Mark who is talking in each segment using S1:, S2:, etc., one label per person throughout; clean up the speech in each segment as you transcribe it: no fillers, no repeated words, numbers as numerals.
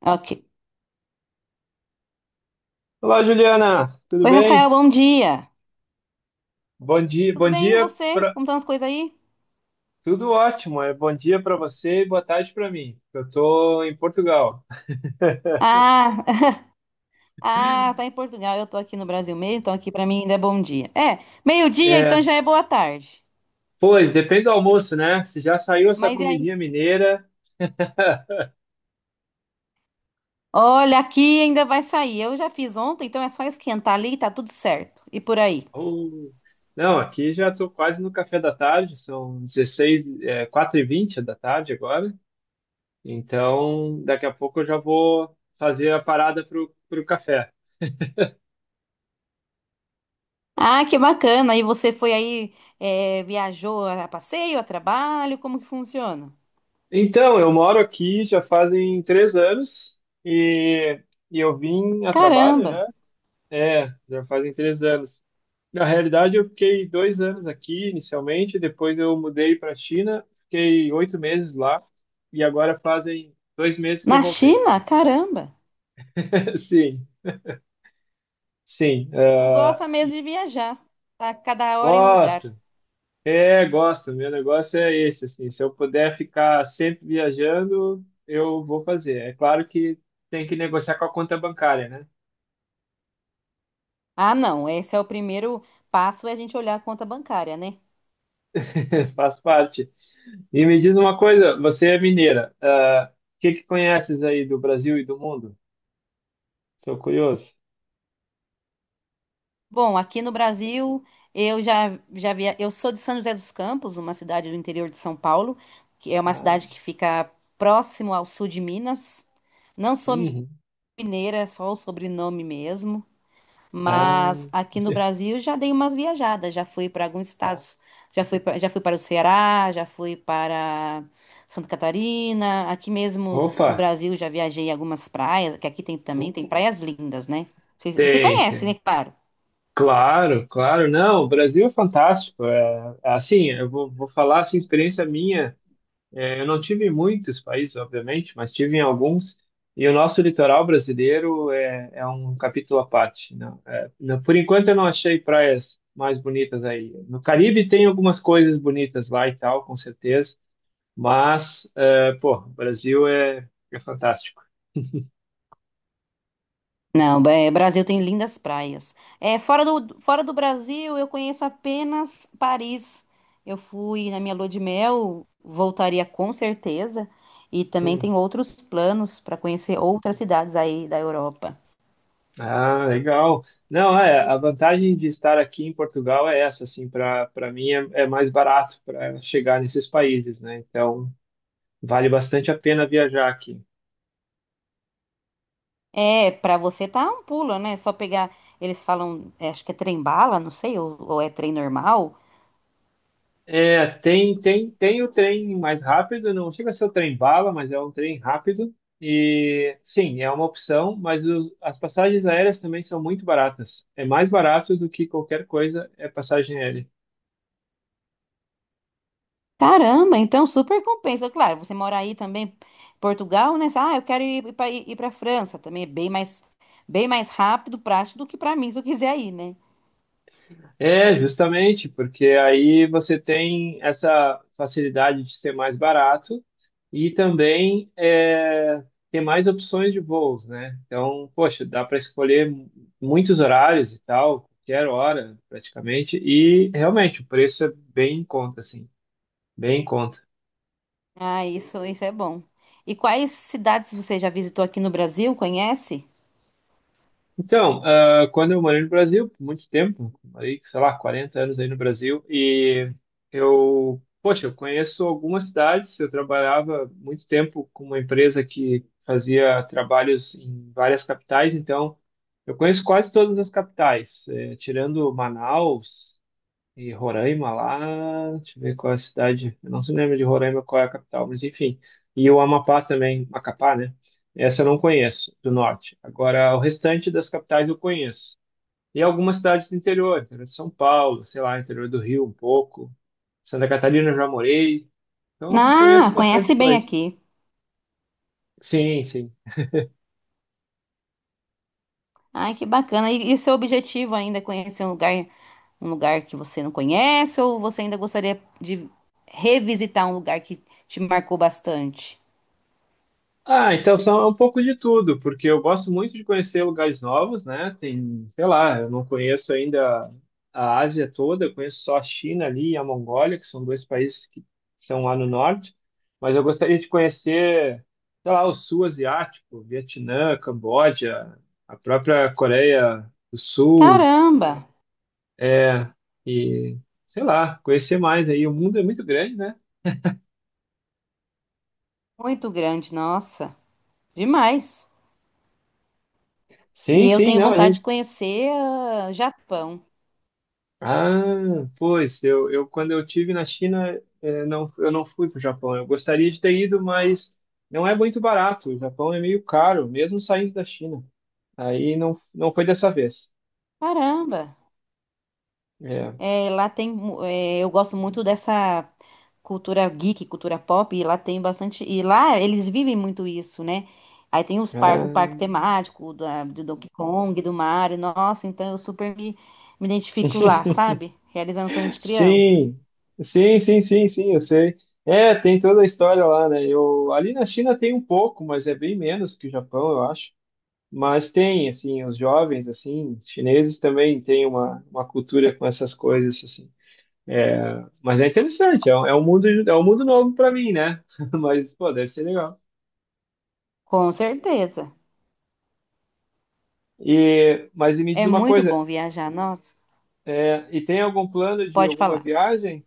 S1: Ok.
S2: Olá, Juliana, tudo
S1: Oi, Rafael,
S2: bem?
S1: bom dia.
S2: Bom dia,
S1: Tudo
S2: bom
S1: bem, e
S2: dia
S1: você?
S2: pra...
S1: Como estão as coisas aí?
S2: Tudo ótimo, é bom dia para você e boa tarde para mim. Eu tô em Portugal.
S1: Ah, ah, tá em Portugal, eu tô aqui no Brasil mesmo, então aqui pra mim ainda é bom dia. É, meio-dia,
S2: É,
S1: então já é boa tarde.
S2: pois, depende do almoço, né? Se já saiu essa
S1: Mas e aí?
S2: comidinha mineira.
S1: Olha, aqui ainda vai sair. Eu já fiz ontem, então é só esquentar ali e tá tudo certo. E por aí.
S2: Uh, não, aqui já estou quase no café da tarde, são 16, 4h20 da tarde agora. Então, daqui a pouco eu já vou fazer a parada para o café.
S1: Ah, que bacana. E você foi aí, é, viajou a passeio, a trabalho? Como que funciona?
S2: Então, eu moro aqui já fazem 3 anos e, e eu vim a trabalho
S1: Caramba!
S2: já. É, já fazem 3 anos. Na realidade, eu fiquei 2 anos aqui inicialmente, depois eu mudei para a China, fiquei 8 meses lá e agora fazem 2 meses que eu
S1: Na
S2: voltei.
S1: China? Caramba!
S2: Sim, sim.
S1: Tu
S2: ah,
S1: gosta
S2: e
S1: mesmo de viajar. Tá cada hora em um lugar.
S2: gosto, gosto. Meu negócio é esse, assim, se eu puder ficar sempre viajando, eu vou fazer. É claro que tem que negociar com a conta bancária, né?
S1: Ah, não, esse é o primeiro passo, é a gente olhar a conta bancária, né?
S2: Faz parte. E me diz uma coisa, você é mineira. O que que conheces aí do Brasil e do mundo? Sou curioso.
S1: Bom, aqui no Brasil, eu já via, eu sou de São José dos Campos, uma cidade do interior de São Paulo, que é uma
S2: Ah,
S1: cidade que fica próximo ao sul de Minas. Não sou
S2: uhum.
S1: mineira, é só o sobrenome mesmo.
S2: Ah,
S1: Mas aqui no Brasil já dei umas viajadas, já fui para alguns estados, já fui, já fui para o Ceará, já fui para Santa Catarina, aqui mesmo
S2: opa,
S1: no Brasil já viajei em algumas praias, que aqui tem também, tem praias lindas, né? Você
S2: tem,
S1: conhece, né?
S2: tem.
S1: Claro.
S2: Claro, claro. Não, o Brasil é fantástico. É assim, eu vou falar assim, experiência minha. É, eu não tive em muitos países, obviamente, mas tive em alguns. E o nosso litoral brasileiro é um capítulo à parte. Não, por enquanto, eu não achei praias mais bonitas aí. No Caribe tem algumas coisas bonitas lá e tal, com certeza. Mas, pô, o Brasil é fantástico.
S1: Não, é, Brasil tem lindas praias. É, fora do Brasil, eu conheço apenas Paris. Eu fui na minha lua de mel, voltaria com certeza. E também
S2: Hum.
S1: tem outros planos para conhecer outras cidades aí da Europa.
S2: Ah, legal. Não, a vantagem de estar aqui em Portugal é essa, assim, para mim é mais barato para chegar nesses países, né? Então, vale bastante a pena viajar aqui.
S1: É, para você tá um pulo, né? Só pegar. Eles falam, é, acho que é trem bala, não sei, ou é trem normal.
S2: É, tem o trem mais rápido, não chega a ser o trem bala, mas é um trem rápido. E sim, é uma opção, mas as passagens aéreas também são muito baratas. É mais barato do que qualquer coisa é passagem aérea.
S1: Caramba, então super compensa. Claro, você mora aí também, Portugal, né? Ah, eu quero ir para França também, é bem mais rápido, prático do que para mim, se eu quiser ir, né?
S2: É, justamente, porque aí você tem essa facilidade de ser mais barato e também ter mais opções de voos, né? Então, poxa, dá para escolher muitos horários e tal, qualquer hora praticamente, e realmente o preço é bem em conta, assim, bem em conta.
S1: Ah, isso é bom. E quais cidades você já visitou aqui no Brasil? Conhece?
S2: Então, quando eu morei no Brasil, por muito tempo, morei, sei lá, 40 anos aí no Brasil, e eu, poxa, eu conheço algumas cidades, eu trabalhava muito tempo com uma empresa que fazia trabalhos em várias capitais, então eu conheço quase todas as capitais, tirando Manaus, e Roraima lá, deixa eu ver qual é a cidade. Eu não se lembro de Roraima qual é a capital, mas enfim. E o Amapá também, Macapá, né? Essa eu não conheço, do norte. Agora, o restante das capitais eu conheço. E algumas cidades do interior, interior de São Paulo, sei lá, interior do Rio um pouco. Santa Catarina eu já morei. Então,
S1: Ah,
S2: conheço
S1: conhece
S2: bastante
S1: bem
S2: coisa.
S1: aqui.
S2: Sim, sim.
S1: Ai, que bacana. E seu objetivo ainda é conhecer um lugar que você não conhece, ou você ainda gostaria de revisitar um lugar que te marcou bastante?
S2: Ah, então são é um pouco de tudo, porque eu gosto muito de conhecer lugares novos, né? Tem, sei lá, eu não conheço ainda a Ásia toda, eu conheço só a China ali e a Mongólia, que são dois países que são lá no norte, mas eu gostaria de conhecer, sei lá, o sul asiático, Vietnã, Camboja, a própria Coreia do Sul,
S1: Caramba!
S2: é, e sei lá, conhecer mais aí. O mundo é muito grande, né?
S1: Muito grande, nossa, demais. E
S2: Sim,
S1: eu
S2: sim,
S1: tenho
S2: não.
S1: vontade de conhecer Japão.
S2: Ah, pois, eu quando eu tive na China, não, eu não fui para o Japão. Eu gostaria de ter ido, mas não é muito barato. O Japão é meio caro, mesmo saindo da China. Aí não, não foi dessa vez.
S1: Caramba,
S2: É.
S1: é, lá tem, é, eu gosto muito dessa cultura geek, cultura pop, e lá tem bastante, e lá eles vivem muito isso, né? Aí tem os par,
S2: Ah,
S1: o parque temático da, do Donkey Kong, do Mario, nossa, então eu me identifico lá, sabe? Realizando sonho de criança.
S2: sim, sim, sim, sim, sim, eu sei. É, tem toda a história lá, né? Ali na China tem um pouco, mas é bem menos que o Japão, eu acho. Mas tem, assim, os jovens, assim, chineses também têm uma cultura com essas coisas, assim. É, mas é interessante, é um mundo novo para mim, né? Mas, pô, deve ser legal.
S1: Com certeza.
S2: Mas me diz
S1: É
S2: uma
S1: muito
S2: coisa,
S1: bom viajar, nossa,
S2: e tem algum plano de
S1: pode
S2: alguma
S1: falar.
S2: viagem?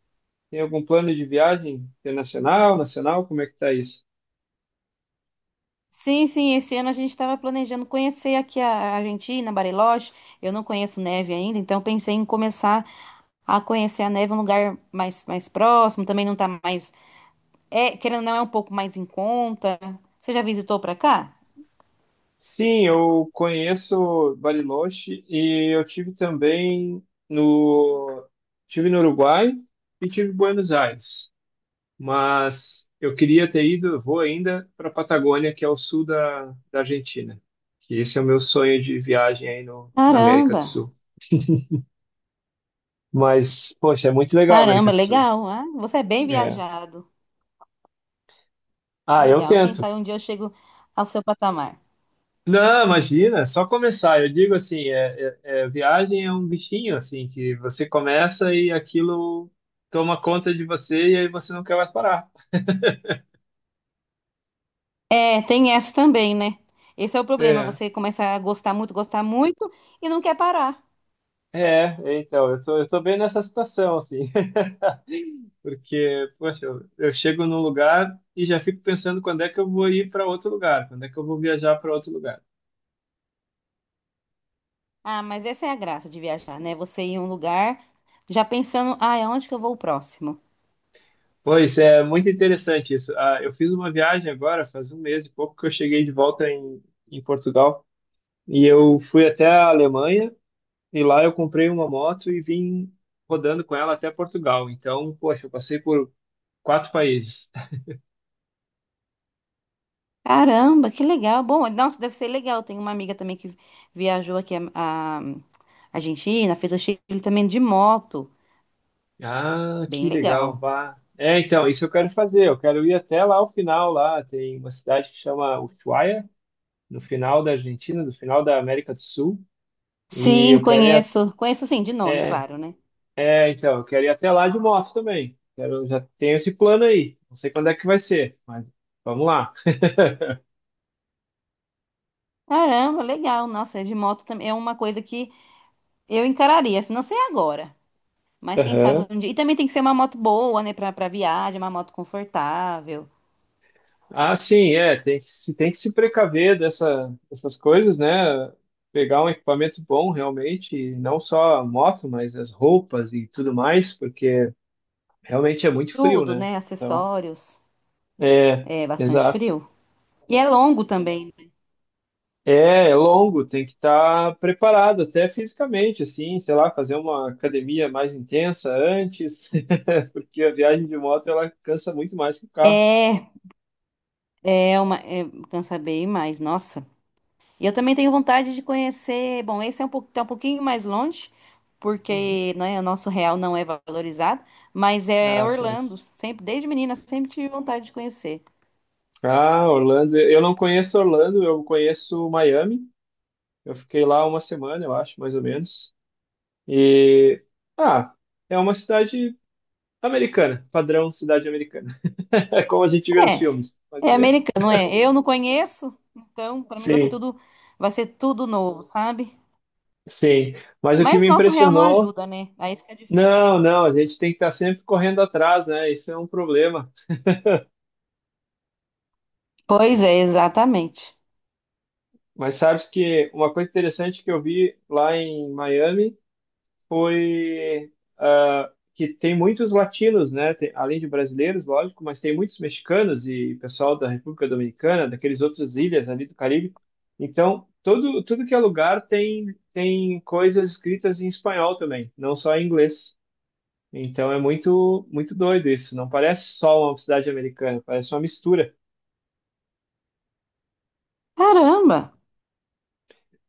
S2: Tem algum plano de viagem internacional, nacional? Como é que tá isso?
S1: Sim, esse ano a gente estava planejando conhecer aqui a Argentina, Bariloche. Eu não conheço neve ainda, então pensei em começar a conhecer a neve em um lugar mais próximo. Também não tá mais. É, querendo ou não, é um pouco mais em conta. Você já visitou pra cá?
S2: Sim, eu conheço Bariloche e eu tive também tive no Uruguai e tive em Buenos Aires. Mas eu queria ter ido, eu vou ainda para a Patagônia, que é o sul da Argentina. Que esse é o meu sonho de viagem aí no, na América do
S1: Caramba!
S2: Sul. Mas, poxa, é muito legal a América
S1: Caramba,
S2: do Sul.
S1: legal. Ah, você é bem
S2: É.
S1: viajado.
S2: Ah, eu
S1: Legal. Quem
S2: tento.
S1: sabe um dia eu chego ao seu patamar.
S2: Não, imagina, é só começar. Eu digo assim, viagem é um bichinho, assim, que você começa e aquilo toma conta de você e aí você não quer mais parar.
S1: É, tem essa também, né? Esse é o problema.
S2: É,
S1: Você começa a gostar muito e não quer parar.
S2: é, então, eu tô bem nessa situação, assim. Porque, poxa, eu chego num lugar e já fico pensando quando é que eu vou ir para outro lugar, quando é que eu vou viajar para outro lugar.
S1: Ah, mas essa é a graça de viajar, né? Você ir em um lugar já pensando, ah, aonde que eu vou o próximo?
S2: Pois é, muito interessante isso. Ah, eu fiz uma viagem agora, faz um mês e pouco que eu cheguei de volta em Portugal e eu fui até a Alemanha e lá eu comprei uma moto e vim rodando com ela até Portugal. Então, poxa, eu passei por quatro países.
S1: Caramba, que legal. Bom, nossa, deve ser legal. Tem uma amiga também que viajou aqui a Argentina, fez o Chile também de moto.
S2: Ah,
S1: Bem
S2: que legal,
S1: legal.
S2: vá. É, então, isso eu quero fazer. Eu quero ir até lá ao final, lá tem uma cidade que chama Ushuaia, no final da Argentina, no final da América do Sul. E
S1: Sim,
S2: eu quero ir,
S1: conheço. Conheço sim, de nome, claro, né?
S2: então, eu quero ir até lá de moto também. Quero, já tenho esse plano aí. Não sei quando é que vai ser, mas vamos lá.
S1: Caramba, legal. Nossa, é de moto também. É uma coisa que eu encararia, se não sei agora. Mas quem sabe
S2: Aham.
S1: um dia. E também tem que ser uma moto boa, né? Pra viagem, uma moto confortável.
S2: Ah, sim, tem que se precaver dessas coisas, né? Pegar um equipamento bom realmente, e não só a moto, mas as roupas e tudo mais, porque realmente é muito frio,
S1: Tudo,
S2: né?
S1: né?
S2: Então,
S1: Acessórios.
S2: é,
S1: É bastante
S2: exato.
S1: frio. E é longo também.
S2: É longo, tem que estar preparado até fisicamente, assim, sei lá, fazer uma academia mais intensa antes, porque a viagem de moto ela cansa muito mais que o carro.
S1: Né? É, é uma. É, cansa bem mais, nossa. E eu também tenho vontade de conhecer. Bom, esse é um, tá um pouquinho mais longe,
S2: Uhum.
S1: porque, né, o nosso real não é valorizado, mas é
S2: Ah,
S1: Orlando.
S2: pois.
S1: Sempre, desde menina, sempre tive vontade de conhecer.
S2: Ah, Orlando, eu não conheço Orlando, eu conheço Miami. Eu fiquei lá uma semana, eu acho, mais ou menos. E ah, é uma cidade americana, padrão cidade americana, é como a gente vê nos filmes, mais
S1: É,
S2: ou
S1: é
S2: menos.
S1: americano, é. Eu não conheço, então para mim
S2: Sim,
S1: vai ser tudo novo, sabe?
S2: sim. Mas o que
S1: Mas
S2: me
S1: nosso real não
S2: impressionou.
S1: ajuda, né? Aí fica difícil.
S2: Não, não, a gente tem que estar sempre correndo atrás, né? Isso é um problema.
S1: Pois é, exatamente.
S2: Mas sabes que uma coisa interessante que eu vi lá em Miami foi que tem muitos latinos, né? Além de brasileiros, lógico, mas tem muitos mexicanos e pessoal da República Dominicana, daqueles outras ilhas ali do Caribe. Então, tudo que é lugar tem coisas escritas em espanhol também, não só em inglês. Então é muito, muito doido isso. Não parece só uma cidade americana, parece uma mistura.
S1: Caramba,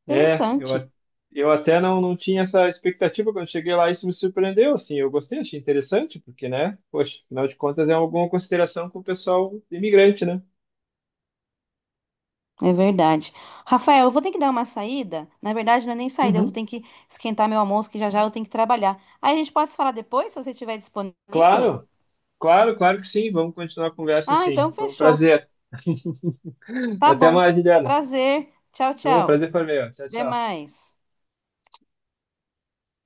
S2: É, eu, a-
S1: interessante.
S2: eu até não, não tinha essa expectativa quando cheguei lá, isso me surpreendeu, assim, eu gostei, achei interessante, porque, né, poxa, afinal de contas é alguma consideração com o pessoal imigrante, né?
S1: É verdade. Rafael, eu vou ter que dar uma saída. Na verdade, não é nem saída, eu vou
S2: Uhum.
S1: ter que esquentar meu almoço, que já já eu tenho que trabalhar. Aí a gente pode se falar depois, se você estiver disponível?
S2: Claro, claro, claro que sim, vamos continuar a conversa
S1: Ah,
S2: assim,
S1: então
S2: foi um
S1: fechou.
S2: prazer.
S1: Tá
S2: Até
S1: bom.
S2: mais, Juliana.
S1: Prazer. Tchau,
S2: Foi um
S1: tchau.
S2: prazer foi meu, tchau,
S1: Até
S2: tchau.
S1: mais.